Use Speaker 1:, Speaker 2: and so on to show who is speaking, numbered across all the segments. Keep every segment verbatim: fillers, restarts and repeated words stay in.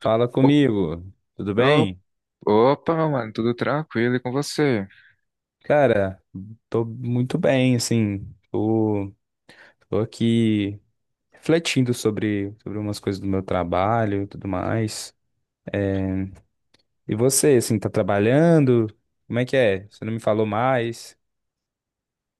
Speaker 1: Fala
Speaker 2: Op-
Speaker 1: comigo, tudo
Speaker 2: op-
Speaker 1: bem?
Speaker 2: Opa, mano, tudo tranquilo e com você?
Speaker 1: Cara, tô muito bem, assim, tô, tô aqui refletindo sobre, sobre umas coisas do meu trabalho e tudo mais. E você, assim, tá trabalhando? Como é que é? Você não me falou mais?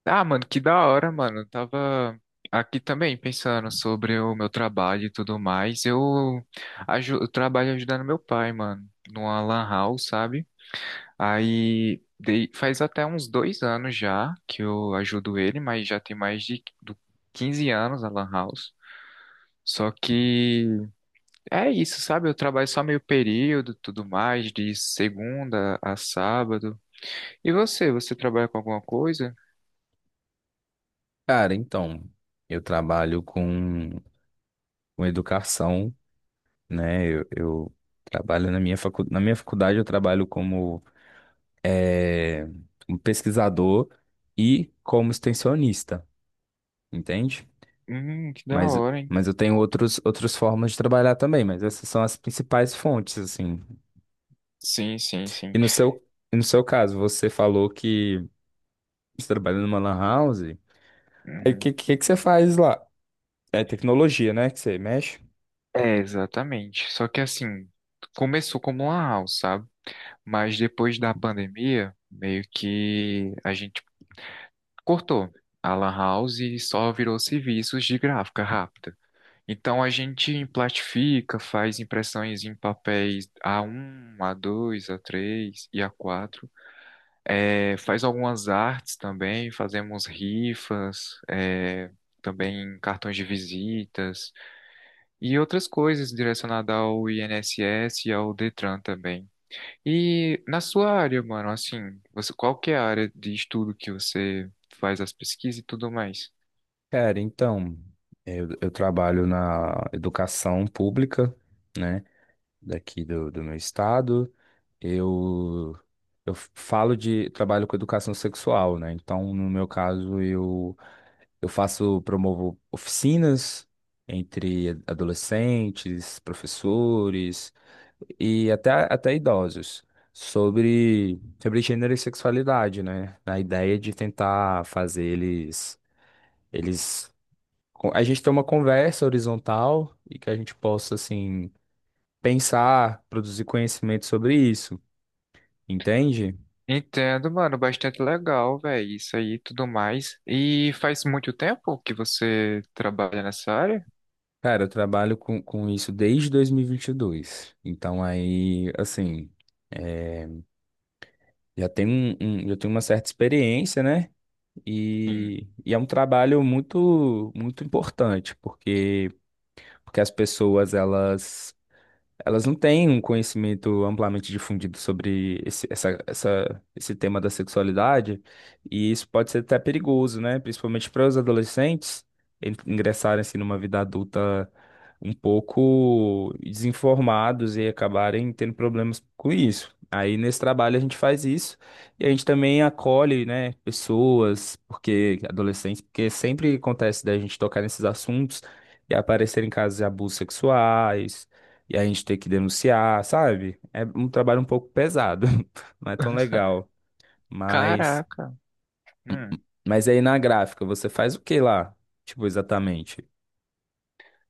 Speaker 2: Ah, mano, que da hora, mano. Eu tava aqui também pensando sobre o meu trabalho e tudo mais. Eu, aju eu trabalho ajudando meu pai, mano, numa lan house, sabe? Aí dei- faz até uns dois anos já que eu ajudo ele, mas já tem mais de do quinze anos a lan house. Só que é isso, sabe? Eu trabalho só meio período, tudo mais, de segunda a sábado. E você, você trabalha com alguma coisa?
Speaker 1: Cara, então, eu trabalho com, com educação, né? Eu, eu trabalho na minha facu... na minha faculdade, eu trabalho como eh, um pesquisador e como extensionista, entende?
Speaker 2: Hum, que da
Speaker 1: Mas,
Speaker 2: hora, hein?
Speaker 1: mas eu tenho outros, outras formas de trabalhar também, mas essas são as principais fontes, assim.
Speaker 2: Sim, sim,
Speaker 1: E
Speaker 2: sim.
Speaker 1: no seu, e no seu caso, você falou que você trabalha numa lan house. Aí o
Speaker 2: Uhum.
Speaker 1: que, que, que você faz lá? É tecnologia, né? Que você mexe?
Speaker 2: É, exatamente. Só que assim, começou como uma house, sabe? Mas depois da pandemia, meio que a gente cortou a lan house e só virou serviços de gráfica rápida. Então a gente plastifica, faz impressões em papéis A um, A dois, A três e A quatro. É, faz algumas artes também, fazemos rifas, é, também cartões de visitas e outras coisas direcionadas ao INSS e ao Detran também. E na sua área, mano, assim, você, qual que é a área de estudo que você faz as pesquisas e tudo mais?
Speaker 1: Cara, então, eu, eu trabalho na educação pública, né? Daqui do, do meu estado. Eu, eu falo de, trabalho com educação sexual, né? Então, no meu caso, eu Eu faço, promovo oficinas entre a- adolescentes, professores e até, até idosos sobre, sobre gênero e sexualidade, né? Na ideia de tentar fazer eles, eles... A gente ter uma conversa horizontal e que a gente possa, assim, pensar, produzir conhecimento sobre isso, entende?
Speaker 2: Entendo, mano, bastante legal, velho, isso aí e tudo mais. E faz muito tempo que você trabalha nessa área?
Speaker 1: Cara, eu trabalho com, com isso desde dois mil e e vinte e dois. Então aí, assim... é, Já tem um, um- já tem uma certa experiência, né?
Speaker 2: Sim.
Speaker 1: E, e é um trabalho muito, muito importante, porque, porque as pessoas, elas elas não têm um conhecimento amplamente difundido sobre esse, essa, essa, esse tema da sexualidade, e isso pode ser até perigoso, né? Principalmente para os adolescentes en- ingressarem assim, numa vida adulta um pouco desinformados e acabarem tendo problemas com isso. Aí nesse trabalho a gente faz isso e a gente também acolhe, né, pessoas, porque adolescentes, porque sempre acontece da gente tocar nesses assuntos e aparecerem casos de abusos sexuais e a gente ter que denunciar, sabe? É um trabalho um pouco pesado, não é tão legal. Mas,
Speaker 2: Caraca. Hum.
Speaker 1: mas aí na gráfica, você faz o que lá? Tipo, exatamente.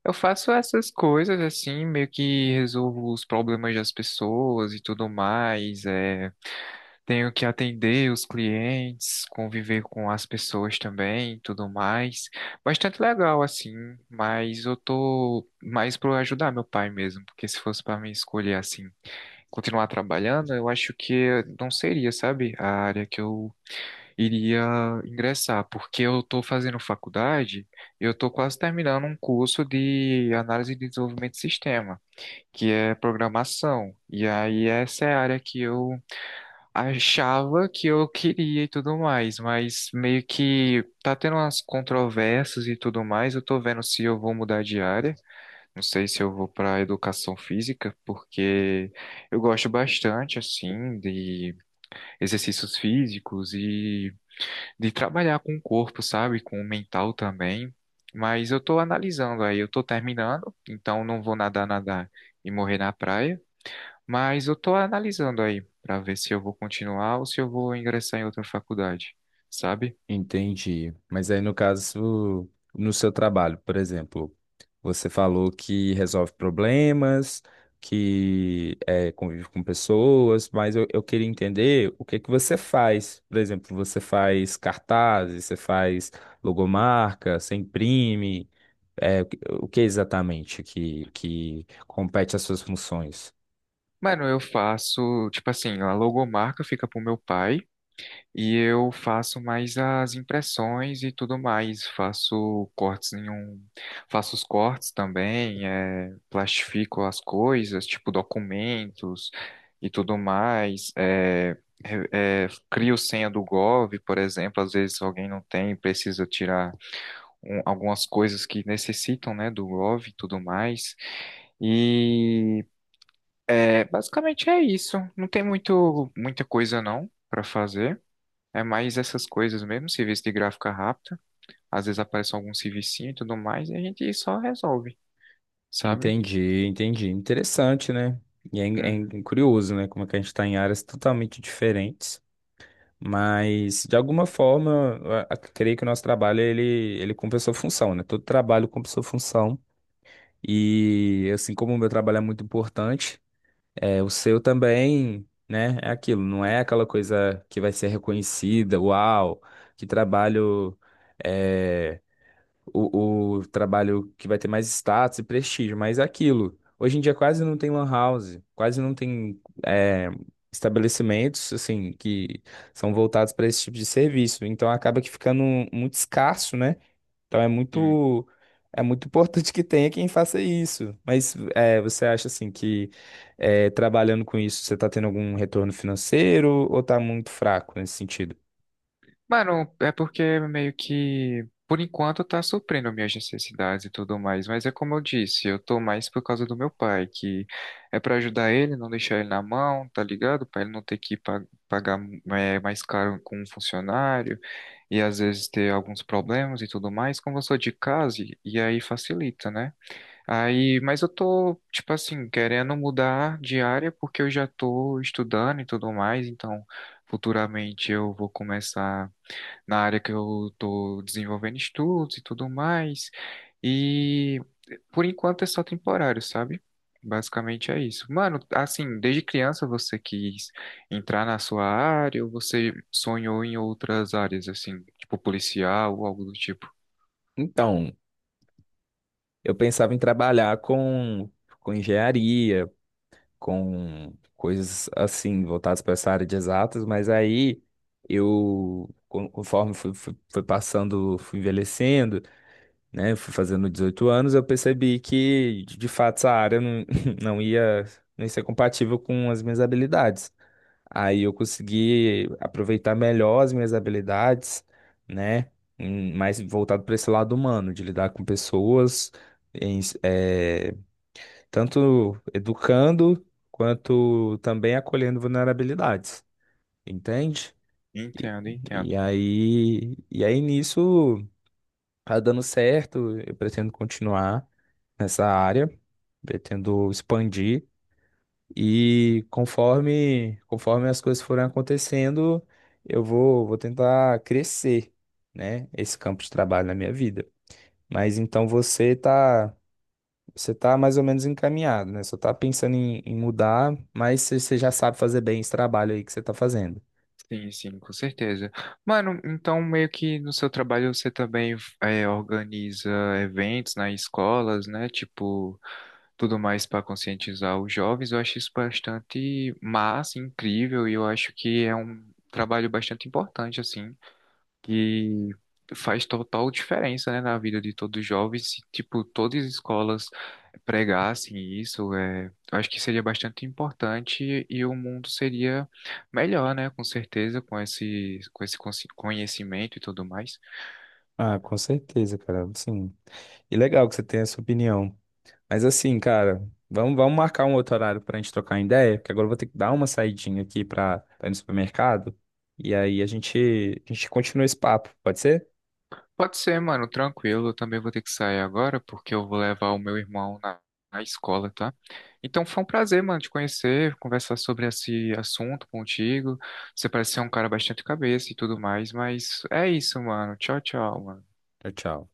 Speaker 2: Eu faço essas coisas assim, meio que resolvo os problemas das pessoas e tudo mais. É, tenho que atender os clientes, conviver com as pessoas também, tudo mais. Bastante legal assim, mas eu tô mais pro ajudar meu pai mesmo, porque se fosse para mim escolher assim, continuar trabalhando, eu acho que não seria, sabe, a área que eu iria ingressar, porque eu estou fazendo faculdade, eu estou quase terminando um curso de análise de desenvolvimento de sistema, que é programação. E aí essa é a área que eu achava que eu queria e tudo mais, mas meio que tá tendo umas controvérsias e tudo mais. Eu tô vendo se eu vou mudar de área, não sei se eu vou para educação física, porque eu gosto bastante assim de exercícios físicos e de trabalhar com o corpo, sabe? Com o mental também. Mas eu tô analisando aí, eu tô terminando, então não vou nadar, nadar e morrer na praia. Mas eu tô analisando aí pra ver se eu vou continuar ou se eu vou ingressar em outra faculdade, sabe?
Speaker 1: Entendi. Mas aí, no caso, no seu trabalho, por exemplo, você falou que resolve problemas, que é, convive com pessoas, mas eu, eu queria entender o que que você faz. Por exemplo, você faz cartazes, você faz logomarca, você imprime. É, o que o que exatamente que, que compete às suas funções?
Speaker 2: Mano, eu faço, tipo assim, a logomarca fica pro meu pai. E eu faço mais as impressões e tudo mais. Faço cortes em um, faço os cortes também, é, plastifico as coisas, tipo documentos e tudo mais. É, re- é, crio senha do Gov, por exemplo. Às vezes alguém não tem, precisa tirar um- algumas coisas que necessitam, né, do Gov e tudo mais. E é, basicamente é isso. Não tem muito, muita coisa não para fazer. É mais essas coisas mesmo, serviço de gráfica rápida. Às vezes aparece algum servicinho e tudo mais, e a gente só resolve, sabe?
Speaker 1: Entendi, entendi. Interessante, né? E é,
Speaker 2: Uhum,
Speaker 1: é curioso, né? Como é que a gente está em áreas totalmente diferentes. Mas, de alguma forma, eu a- a- creio que o nosso trabalho, ele, ele cumpre a sua função, né? Todo trabalho cumpre a sua função. E, assim como o meu trabalho é muito importante, é, o seu também, né? É aquilo, não é aquela coisa que vai ser reconhecida, uau, que trabalho é, o, o trabalho que vai ter mais status e prestígio, mas é aquilo. Hoje em dia quase não tem lan house, quase não tem é, estabelecimentos assim que são voltados para esse tipo de serviço. Então acaba que ficando muito escasso, né? Então é
Speaker 2: sim.
Speaker 1: muito é muito importante que tenha quem faça isso. Mas é, você acha assim que é, trabalhando com isso você está tendo algum retorno financeiro ou está muito fraco nesse sentido?
Speaker 2: Mano, é porque meio que, por enquanto, tá suprindo minhas necessidades e tudo mais. Mas é como eu disse, eu tô mais por causa do meu pai, que é pra ajudar ele, não deixar ele na mão, tá ligado? Pra ele não ter que pa- pagar é, mais caro com um funcionário e às vezes ter alguns problemas e tudo mais. Como eu sou de casa, e e aí facilita, né? Aí, mas eu tô, tipo assim, querendo mudar de área porque eu já tô estudando e tudo mais, então futuramente eu vou começar na área que eu tô desenvolvendo estudos e tudo mais. E por enquanto é só temporário, sabe? Basicamente é isso. Mano, assim, desde criança você quis entrar na sua área ou você sonhou em outras áreas, assim, tipo policial ou algo do tipo?
Speaker 1: Então, eu pensava em trabalhar com com engenharia, com coisas assim, voltadas para essa área de exatas, mas aí eu, con- conforme fui, fui- fui passando, fui envelhecendo, né, fui fazendo dezoito anos, eu percebi que, de fato, essa área não, não ia, não ia ser compatível com as minhas habilidades. Aí eu consegui aproveitar melhor as minhas habilidades, né, em- mais voltado para esse lado humano, de lidar com pessoas, em, tanto educando quanto também acolhendo vulnerabilidades, entende? E,
Speaker 2: Entendo,
Speaker 1: e
Speaker 2: entendo.
Speaker 1: aí, e aí nisso tá dando certo, eu pretendo continuar nessa área, pretendo expandir e conforme conforme as coisas forem acontecendo, eu vou vou tentar crescer, né, esse campo de trabalho na minha vida. Mas então você tá Você tá mais ou menos encaminhado, né? Só tá pensando em, em mudar, mas você você já sabe fazer bem esse trabalho aí que você tá fazendo.
Speaker 2: Sim, sim, com certeza. Mano, então meio que no seu trabalho você também é, organiza eventos nas escolas, né? Tipo, tudo mais para conscientizar os jovens. Eu acho isso bastante massa, incrível, e eu acho que é um trabalho bastante importante, assim que faz total diferença, né, na vida de todos os jovens. Se, tipo, todas as escolas pregassem isso, é, eu acho que seria bastante importante e o mundo seria melhor, né, com certeza, com esse, com esse consi- conhecimento e tudo mais.
Speaker 1: Ah, com certeza, cara. Sim. E legal que você tenha essa opinião. Mas assim, cara, vamos, vamos marcar um outro horário pra gente trocar ideia, porque agora eu vou ter que dar uma saidinha aqui pra, pra ir no supermercado. E aí a gente, a gente continua esse papo, pode ser?
Speaker 2: Pode ser, mano, tranquilo. Eu também vou ter que sair agora porque eu vou levar o meu irmão na, na escola, tá? Então foi um prazer, mano, te conhecer, conversar sobre esse assunto contigo. Você parece ser um cara bastante cabeça e tudo mais, mas é isso, mano. Tchau, tchau, mano.
Speaker 1: Tchau, tchau.